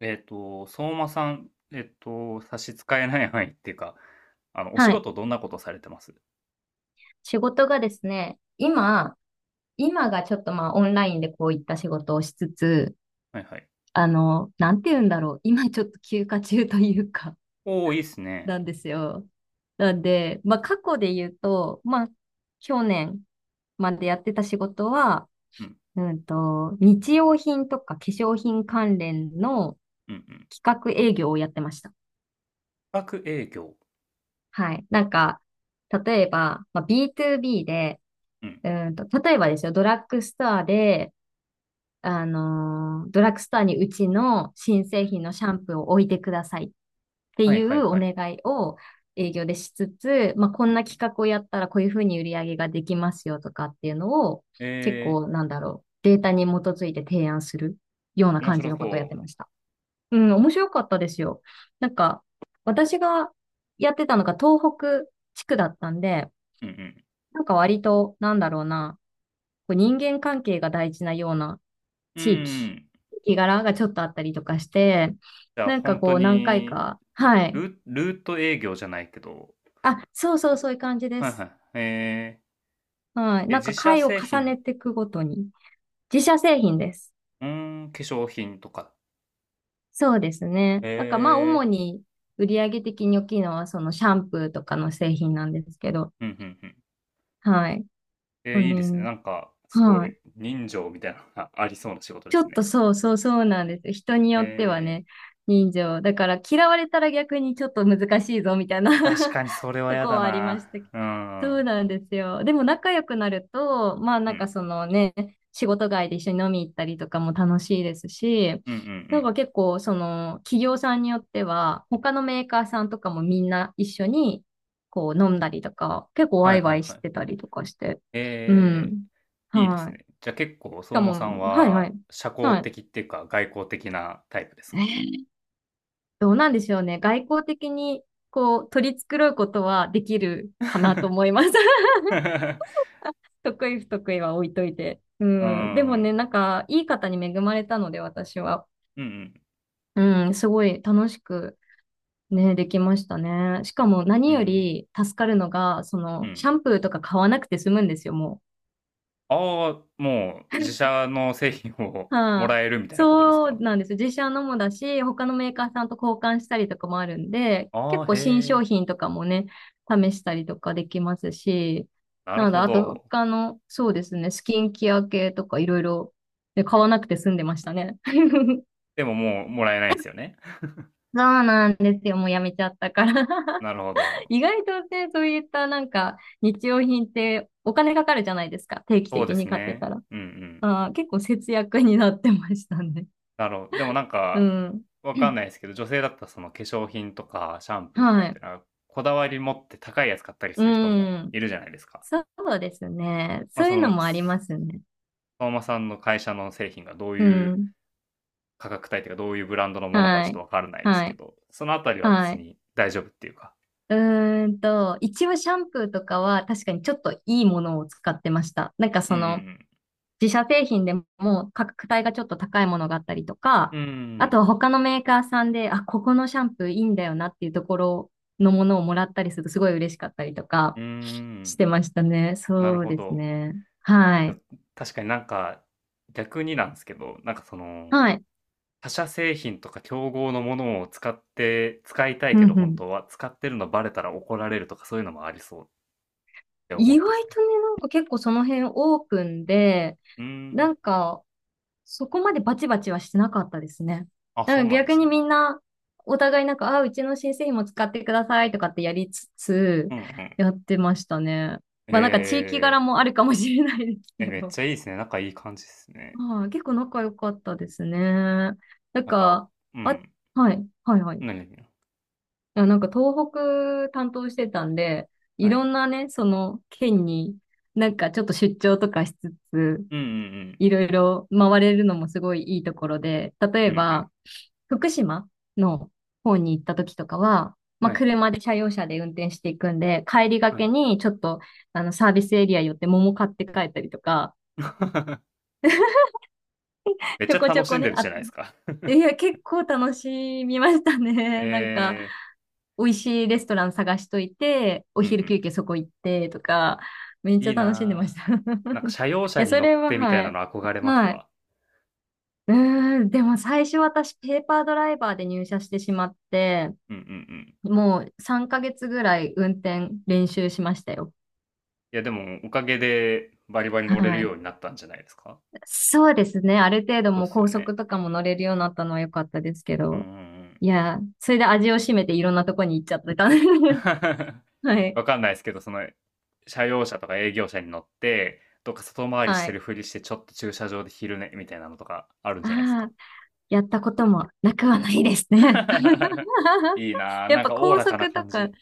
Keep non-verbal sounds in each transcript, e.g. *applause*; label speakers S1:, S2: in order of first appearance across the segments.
S1: 相馬さん、差し支えない範囲っていうか、お仕
S2: はい。
S1: 事どんなことされてます？
S2: 仕事がですね、今がちょっとまあオンラインでこういった仕事をしつつ、
S1: はいはい。
S2: なんて言うんだろう。今ちょっと休暇中というか、
S1: おーいいっすね。
S2: なんですよ。なんで、まあ過去で言うと、まあ去年までやってた仕事は、
S1: うん、
S2: 日用品とか化粧品関連の
S1: うん、うん。
S2: 企画営業をやってました。
S1: 企画営業。
S2: はい。なんか、例えば、まあ、B2B で、
S1: うん、
S2: 例えばですよ、ドラッグストアで、ドラッグストアにうちの新
S1: う
S2: 製
S1: ん。
S2: 品のシャンプーを置いてくださいって
S1: はい
S2: い
S1: はい
S2: うお
S1: はい。
S2: 願いを営業でしつつ、まあ、こ
S1: うん、
S2: ん
S1: う
S2: な企
S1: ん。
S2: 画をやったらこういうふうに売り上げができますよとかっていうのを結
S1: え
S2: 構なんだろう、データに基づいて提案するような
S1: 面
S2: 感じ
S1: 白
S2: のことをやって
S1: そ
S2: ました。うん、面白かったですよ。なんか、私がやってたのが東北地区だったんで、
S1: う。うん、
S2: なんか割と、なんだろうな、こう人間関係が大事なような
S1: うん。
S2: 地域、
S1: う
S2: 地
S1: ん。
S2: 域柄がちょっとあったりとかして、
S1: じゃあ、
S2: なんか
S1: 本当
S2: こう何回
S1: に、
S2: か、はい。
S1: ルート営業じゃないけど、
S2: あ、そうそうそういう感じで
S1: はいは
S2: す。
S1: い。
S2: はい。なん
S1: 自
S2: か
S1: 社
S2: 回を
S1: 製
S2: 重ね
S1: 品、
S2: ていくごとに。自社製品です。
S1: うー化粧品とか。
S2: そうですね。なんかまあ
S1: え
S2: 主に売上的に大きいのはそのシャンプーとかの製品なんですけど、
S1: うん、うん、うん。
S2: はい。そう
S1: いいですね。
S2: ね。
S1: なんか、すご
S2: は
S1: い、
S2: い。
S1: 人情みたいなのが *laughs* ありそうな仕事で
S2: ちょ
S1: す
S2: っと
S1: ね。
S2: そうそうそうなんですよ。人に
S1: え
S2: よっては
S1: ー、
S2: ね、人情。だから嫌われたら逆にちょっと難しいぞみたいな
S1: 確
S2: *laughs*
S1: かにそれは
S2: と
S1: 嫌
S2: こ
S1: だ
S2: はありま
S1: な。
S2: したけど。
S1: う
S2: そう
S1: ん。
S2: なんですよ。でも仲良くなると、まあ
S1: う
S2: なんか
S1: ん。
S2: そのね、仕事外で一緒に飲み行ったりとかも楽しいですし、
S1: うんうんう
S2: なん
S1: ん。
S2: か結構その企業さんによっては、他のメーカーさんとかもみんな一緒にこう飲んだりとか、結構
S1: は
S2: ワ
S1: い
S2: イ
S1: は
S2: ワ
S1: い
S2: イし
S1: はい。
S2: てたりとかして。う
S1: え
S2: ん。
S1: いいです
S2: は
S1: ね。
S2: い。
S1: じゃあ結構、
S2: しか
S1: 相馬さ
S2: も、
S1: ん
S2: はいは
S1: は、
S2: い。
S1: 社
S2: は
S1: 交
S2: い。
S1: 的っていうか、外交的なタイプですか？
S2: どうなんでしょうね。外交的にこう取り繕うことはできるかなと思
S1: *laughs*
S2: います。得意不得意は置いといて。う
S1: う
S2: ん。でもね、
S1: ん。
S2: なんか、いい方に恵まれたので、私は。
S1: うんうん。
S2: うん、すごい楽しくね、できましたね。しかも
S1: う
S2: 何よ
S1: ん。
S2: り助かるのが、そ
S1: う
S2: の、シ
S1: ん。
S2: ャンプーとか買わなくて済むんですよ、もう。
S1: ああ、もう、自社の製品をも
S2: はい、
S1: らえるみたいなことです
S2: そう
S1: か？
S2: なんです。自社のもだし、他のメーカーさんと交換したりとかもあるんで、
S1: あ
S2: 結
S1: あー、
S2: 構
S1: へ
S2: 新商
S1: え。
S2: 品とかもね、試したりとかできますし、
S1: な
S2: な
S1: る
S2: ので、
S1: ほ
S2: あと
S1: ど。
S2: 他の、そうですね、スキンケア系とかいろいろ、ね、買わなくて済んでましたね。*laughs*
S1: でももうもらえないんですよね。*laughs*
S2: そうなんですよ。もうやめちゃったから。 *laughs*
S1: なるほど。
S2: 意外とね、そういったなんか日用品ってお金かかるじゃないですか。定期
S1: そう
S2: 的
S1: で
S2: に
S1: す
S2: 買って
S1: ね。
S2: たら。
S1: うんうん。
S2: あー、結構節約になってましたね。
S1: なるほど。でもなん
S2: う
S1: か、
S2: ん。
S1: わかん
S2: *clears throat*
S1: ないですけど、女性だったらその化粧品とかシャンプーとか
S2: は
S1: って
S2: い。
S1: なんか、こだわり持って高いやつ買ったり
S2: う
S1: する人も
S2: ん。
S1: いるじゃないですか。
S2: そうですね。
S1: まあ、
S2: そう
S1: そ
S2: いうの
S1: の、
S2: もありますね。
S1: 相馬さんの会社の製品がどう
S2: う
S1: いう
S2: ん。
S1: 価格帯というか、どういうブランドのものか
S2: は
S1: ちょっと
S2: い。
S1: わからないです
S2: は
S1: け
S2: い。
S1: ど、そのあたりは
S2: は
S1: 別
S2: い。
S1: に大丈夫っていうか。
S2: う一応シャンプーとかは確かにちょっといいものを使ってました。なんか
S1: うん
S2: そ
S1: う
S2: の、
S1: ん
S2: 自社製品でも価格帯がちょっと高いものがあったりと
S1: う
S2: か、
S1: ん。うんうんう
S2: あ
S1: ん。
S2: とは他のメーカーさんで、あ、ここのシャンプーいいんだよなっていうところのものをもらったりするとすごい嬉しかったりと
S1: う
S2: か
S1: ー
S2: し
S1: ん。
S2: てましたね。
S1: なる
S2: そう
S1: ほ
S2: です
S1: ど。
S2: ね。は
S1: や、
S2: い。
S1: 確かになんか、逆になんですけど、なんかその、
S2: はい。
S1: 他社製品とか競合のものを使って、使いたい
S2: う
S1: けど
S2: んう
S1: 本
S2: ん。
S1: 当は、使ってるのバレたら怒られるとかそういうのもありそうって思
S2: 意
S1: っ
S2: 外
S1: たですね。
S2: とね、なんか結構その辺オープンで、
S1: うー
S2: な
S1: ん。
S2: んかそこまでバチバチはしてなかったですね。
S1: あ、
S2: な
S1: そ
S2: ん
S1: う
S2: か
S1: なんで
S2: 逆
S1: す
S2: に
S1: ね。
S2: みんなお互いなんか、あ、うちの新製品も使ってくださいとかってやりつつ
S1: うんうん。
S2: やってましたね。まあなんか地域
S1: え
S2: 柄もあるかもしれないです
S1: え、
S2: け
S1: めっ
S2: ど。
S1: ちゃいいです
S2: *laughs*
S1: ね。仲いい感じですね。
S2: はい、結構仲良かったですね。なん
S1: なんか、
S2: か、
S1: う
S2: あ、
S1: ん。
S2: はい、はい、はい。
S1: 何にな
S2: いや、なんか東北担当してたんで、い
S1: は
S2: ろ
S1: い。
S2: んなね、その県になんかちょっと出張とかしつつ、
S1: うんうんうん。
S2: いろいろ回れるのもすごいいいところで、例
S1: う
S2: え
S1: んうん。
S2: ば福島の方に行った時とかは、まあ、
S1: はい。
S2: 車用車で運転していくんで、帰りが
S1: は
S2: け
S1: い。
S2: にちょっとサービスエリア寄って桃買って帰ったりとか、
S1: *laughs* めっ
S2: ち
S1: ちゃ
S2: ょこち
S1: 楽
S2: ょ
S1: し
S2: こ
S1: んで
S2: ね、
S1: るじゃ
S2: あ、
S1: ないですか。
S2: いや、結構楽しみました
S1: *laughs*
S2: ね。*laughs* なんか、
S1: ええ、
S2: 美味しいレストラン探しといて、お
S1: うんう
S2: 昼
S1: ん。
S2: 休憩そこ行ってとか、めっち
S1: い
S2: ゃ
S1: い
S2: 楽しんでまし
S1: な
S2: た。
S1: あ。
S2: *laughs* い
S1: なんか社用車
S2: や、
S1: に
S2: そ
S1: 乗
S2: れ
S1: っ
S2: は、
S1: てみたい
S2: は
S1: な
S2: い。
S1: の憧れます
S2: はい。
S1: わ。
S2: うーん、でも最初私ペーパードライバーで入社してしまって、
S1: うんうんうん。
S2: もう3ヶ月ぐらい運転練習しましたよ。
S1: いやでもおかげでバリバリ乗れる
S2: は
S1: よ
S2: い。
S1: うになったんじゃないですか？
S2: そうですね。ある程度
S1: そうっ
S2: もう
S1: す
S2: 高
S1: よね。
S2: 速とかも乗れるようになったのは良かったですけ
S1: うんう
S2: ど。
S1: んうん。
S2: いや、それで味を占めていろんなとこに行っちゃってた。
S1: *laughs*
S2: *laughs* はい。
S1: わかんないですけど、その、社用車とか営業車に乗って、どっか外回りし
S2: は
S1: て
S2: い。
S1: るふりして、ちょっと駐車場で昼寝みたいなのとかあるんじゃないです
S2: あ
S1: か？
S2: あ。やったこともなくはないですね。
S1: *laughs*
S2: *laughs*
S1: いいなあ、
S2: やっ
S1: なん
S2: ぱ
S1: かおお
S2: 高
S1: らかな
S2: 速と
S1: 感
S2: か、
S1: じ。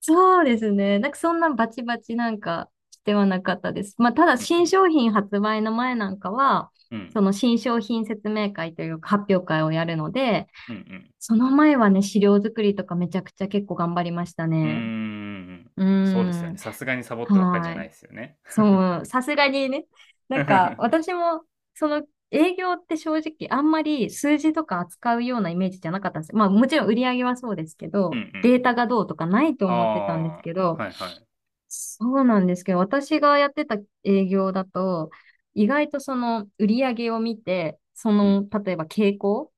S2: そうですね。なんかそんなバチバチなんかしてはなかったです。まあただ
S1: う
S2: 新
S1: ん
S2: 商品発売の前なんかは、
S1: うん。
S2: その新商品説明会というか発表会をやるので、
S1: うんうん
S2: その前はね、資料作りとかめちゃくちゃ結構頑張りました
S1: うん。う
S2: ね。
S1: ーん。
S2: うー
S1: そうですよね。
S2: ん。
S1: さすがにサボってばっかりじゃ
S2: は
S1: な
S2: い。
S1: いですよね。*laughs*
S2: そう、さすがにね。なんか、
S1: *laughs*
S2: 私も、その、営業って正直、あんまり数字とか扱うようなイメージじゃなかったんです。まあ、もちろん売り上げはそうですけ
S1: うんう
S2: ど、
S1: ん
S2: デー
S1: う
S2: タ
S1: ん。
S2: がどうとかないと思ってた
S1: あ
S2: んです
S1: あ、
S2: けど、
S1: はいはい。
S2: そうなんですけど、私がやってた営業だと、意外とその売り上げを見て、そ
S1: うん。
S2: の、例えば傾向、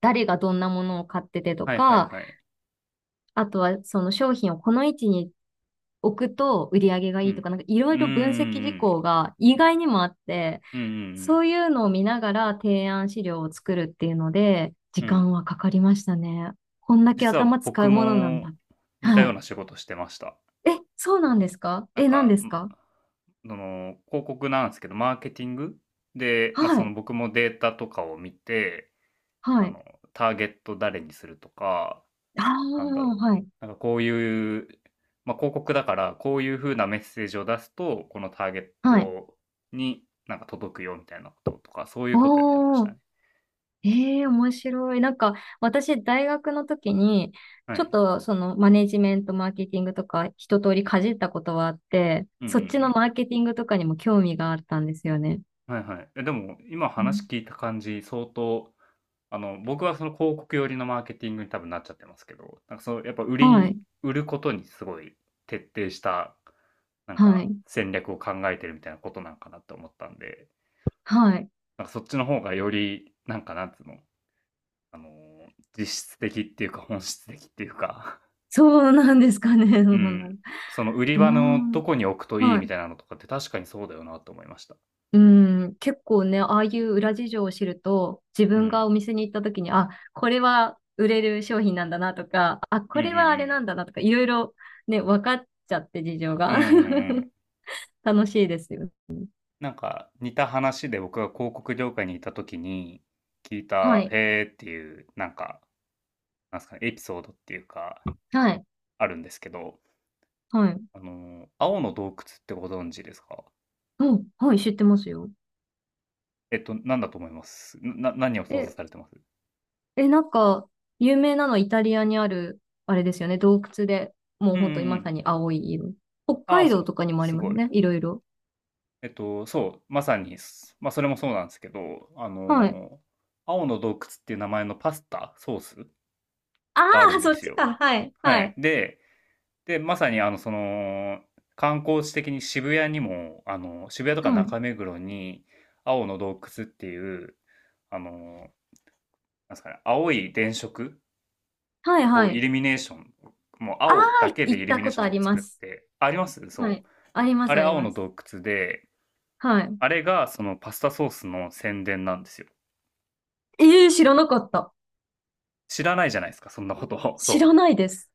S2: 誰がどんなものを買っててと
S1: はいはい
S2: か、
S1: はい。
S2: あとはその商品をこの位置に置くと売り上げが
S1: う
S2: いいと
S1: ん。
S2: か、なんかい
S1: う
S2: ろ
S1: ん
S2: い
S1: うん
S2: ろ分析
S1: う
S2: 事
S1: ん。
S2: 項が意外にもあって、
S1: うんう
S2: そ
S1: ん
S2: ういうのを見ながら提案資料を作るっていうので、時
S1: うん。うん。
S2: 間はかかりましたね。こんだけ
S1: 実は
S2: 頭使
S1: 僕
S2: うものなん
S1: も
S2: だ。
S1: 似た
S2: は
S1: よう
S2: い。
S1: な仕事してました。
S2: え、そうなんですか？
S1: なん
S2: え、何
S1: か、
S2: ですか？
S1: その、広告なんですけど、マーケティングで、ま、
S2: は
S1: その、
S2: い。
S1: 僕もデータとかを見て、
S2: は
S1: あ
S2: い。
S1: の、ターゲット誰にするとか、
S2: あ
S1: なんだ
S2: あ、
S1: ろう。
S2: はい。
S1: なんかこういう、まあ、広告だから、こういう風なメッセージを出すと、このターゲッ
S2: はい。
S1: トになんか届くよみたいなこととか、そういうことやってまし
S2: お
S1: た
S2: ー。
S1: ね。
S2: ええ、面白い。なんか、私、大学の時に、
S1: は
S2: ちょっ
S1: い。
S2: と、その、マネジメント、マーケティングとか、一通りかじったことはあって、
S1: うんうんう
S2: そっちの
S1: ん。
S2: マーケティングとかにも興味があったんですよね。
S1: はいはい。でも、今
S2: う
S1: 話
S2: ん、
S1: 聞いた感じ、相当、あの、僕はその広告寄りのマーケティングに多分なっちゃってますけど、なんかその、やっぱ
S2: はい、
S1: 売ることにすごい徹底した、なん
S2: は
S1: か
S2: い、
S1: 戦略を考えてるみたいなことなんかなって思ったんで、
S2: はい。
S1: なんかそっちの方がより、なんかなんつうの、あの実質的っていうか本質的っていうか、
S2: そうなんですかね。*laughs*
S1: *laughs* う
S2: どうなんだろ
S1: ん、その売り
S2: う。うー
S1: 場のど
S2: ん。
S1: こに置くといい
S2: は
S1: み
S2: い。
S1: たいなのとかって確かにそうだよなと思いました。
S2: うん、結構ね、ああいう裏事情を知ると、自
S1: う
S2: 分が
S1: ん。
S2: お店に行った時に、あ、これは売れる商品なんだなとか、あ、
S1: う
S2: こ
S1: んう
S2: れはあれ
S1: ん
S2: なんだなとか、いろいろね、分かっちゃって事情
S1: うん。う
S2: が。
S1: んうんうん。
S2: *laughs* 楽しいですよ。
S1: なんか似た話で僕が広告業界にいた時に聞い
S2: は
S1: た
S2: い。
S1: 「へー」っていう、なんかなんですかね、エピソードっていうか
S2: はい。
S1: あるんですけど、
S2: はい。
S1: あの青の洞窟ってご存知ですか？
S2: うん。はい、知ってますよ。
S1: なんだと思います？何を想像
S2: え、
S1: されてます？
S2: え、なんか、有名なのはイタリアにある、あれですよね、洞窟で、も
S1: う
S2: う
S1: んうん
S2: 本
S1: う
S2: 当にまさ
S1: ん。
S2: に青い色。北
S1: ああ、
S2: 海道とかにもあり
S1: す
S2: ま
S1: ご
S2: す
S1: い。
S2: ね、いろいろ。
S1: そう、まさにす、まあ、それもそうなんですけど、あ
S2: はい。
S1: の、青の洞窟っていう名前のパスタ、ソース
S2: あ
S1: がある
S2: あ、
S1: んで
S2: そっ
S1: す
S2: ち
S1: よ。
S2: か。はい。
S1: は
S2: は
S1: い。
S2: い。
S1: で、まさに、観光地的に渋谷にも、渋谷とか
S2: はい。
S1: 中目黒に、青の洞窟っていう、あの、なんですかね、青い電飾
S2: はい。は
S1: をイ
S2: い。
S1: ルミネーション、もう
S2: あ
S1: 青だ
S2: あ、
S1: けで
S2: 行
S1: イ
S2: っ
S1: ル
S2: た
S1: ミネー
S2: こ
S1: シ
S2: と
S1: ョ
S2: あ
S1: ンを
S2: りま
S1: 作っ
S2: す。
S1: て、あります。
S2: は
S1: そ
S2: い。
S1: う。
S2: ありま
S1: あ
S2: す、
S1: れ
S2: あり
S1: 青
S2: ま
S1: の
S2: す。
S1: 洞窟で、
S2: はい。
S1: あれがそのパスタソースの宣伝なんですよ。
S2: ええー、知らなかった。
S1: 知らないじゃないですか、そんなことを。
S2: 知ら
S1: そ
S2: ないです。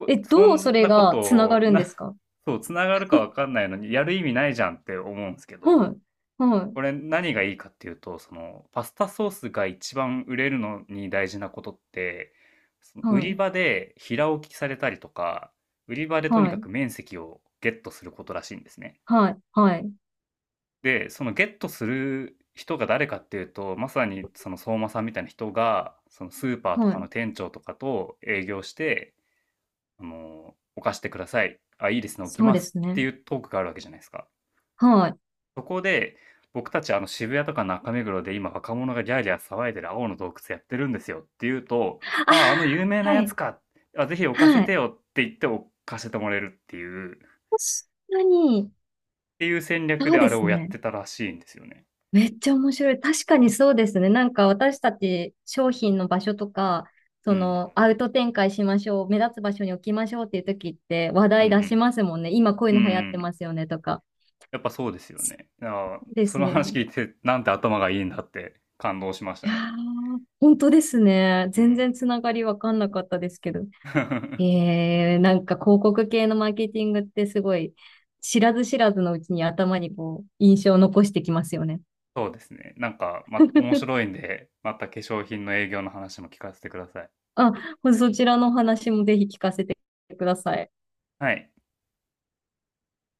S1: う。
S2: え、
S1: そ
S2: どうそ
S1: ん
S2: れ
S1: なこと
S2: がつなが
S1: を、
S2: るんですか？
S1: *laughs* そう、繋がるかわかんないのに、やる意味ないじゃんって思うんですけ
S2: は
S1: ど、
S2: い。は
S1: これ何がいいかっていうと、パスタソースが一番売れるのに大事なことって、その売り
S2: い。
S1: 場で平置きされたりとか、売り場でとに
S2: は
S1: か
S2: い。
S1: く面積をゲットすることらしいんですね。
S2: はい。はい。はい。
S1: で、そのゲットする人が誰かっていうと、まさにその相馬さんみたいな人が、そのスーパーと
S2: は
S1: か
S2: い。
S1: の店長とかと営業して、犯してください。あ、いいですね、置き
S2: そう
S1: ま
S2: で
S1: す
S2: す
S1: って
S2: ね。
S1: いうトークがあるわけじゃないですか。
S2: はい。あ
S1: そこで、僕たちあの渋谷とか中目黒で今若者がギャーギャー騒いでる青の洞窟やってるんですよっていうと、ああ、あの有名
S2: あ、
S1: な
S2: は
S1: やつ
S2: い。
S1: か。あ、ぜひ置かせ
S2: は
S1: て
S2: い。
S1: よって言って置かせてもらえるっていう、っ
S2: 確かに、
S1: ていう戦略
S2: そ
S1: で
S2: う
S1: あ
S2: で
S1: れ
S2: す
S1: をやっ
S2: ね。
S1: てたらしいんですよね。
S2: めっちゃ面白い。確かにそうですね。なんか私たち商品の場所とか、
S1: う
S2: そ
S1: ん。
S2: のアウト展開しましょう、目立つ場所に置きましょうっていう時って話
S1: う
S2: 題出し
S1: ん
S2: ますもんね。今こうい
S1: うん。うん
S2: うの流行っ
S1: う
S2: て
S1: ん。
S2: ますよねとか。
S1: やっぱそうですよね。あ
S2: そ
S1: あ、
S2: うで
S1: そ
S2: す
S1: の話
S2: ね。
S1: 聞いて、なんて頭がいいんだって感動しまし
S2: い
S1: たね。
S2: やー、本当ですね。
S1: う
S2: 全
S1: ん。
S2: 然つながりわかんなかったですけど。
S1: *laughs*
S2: えー、なんか広告系のマーケティングってすごい知らず知らずのうちに頭にこう印象を残してきますよね。
S1: そうですね。なんか、ま、面白
S2: *laughs*
S1: いんで、また化粧品の営業の話も聞かせてください。
S2: あ、そちらのお話もぜひ聞かせてください。
S1: はい。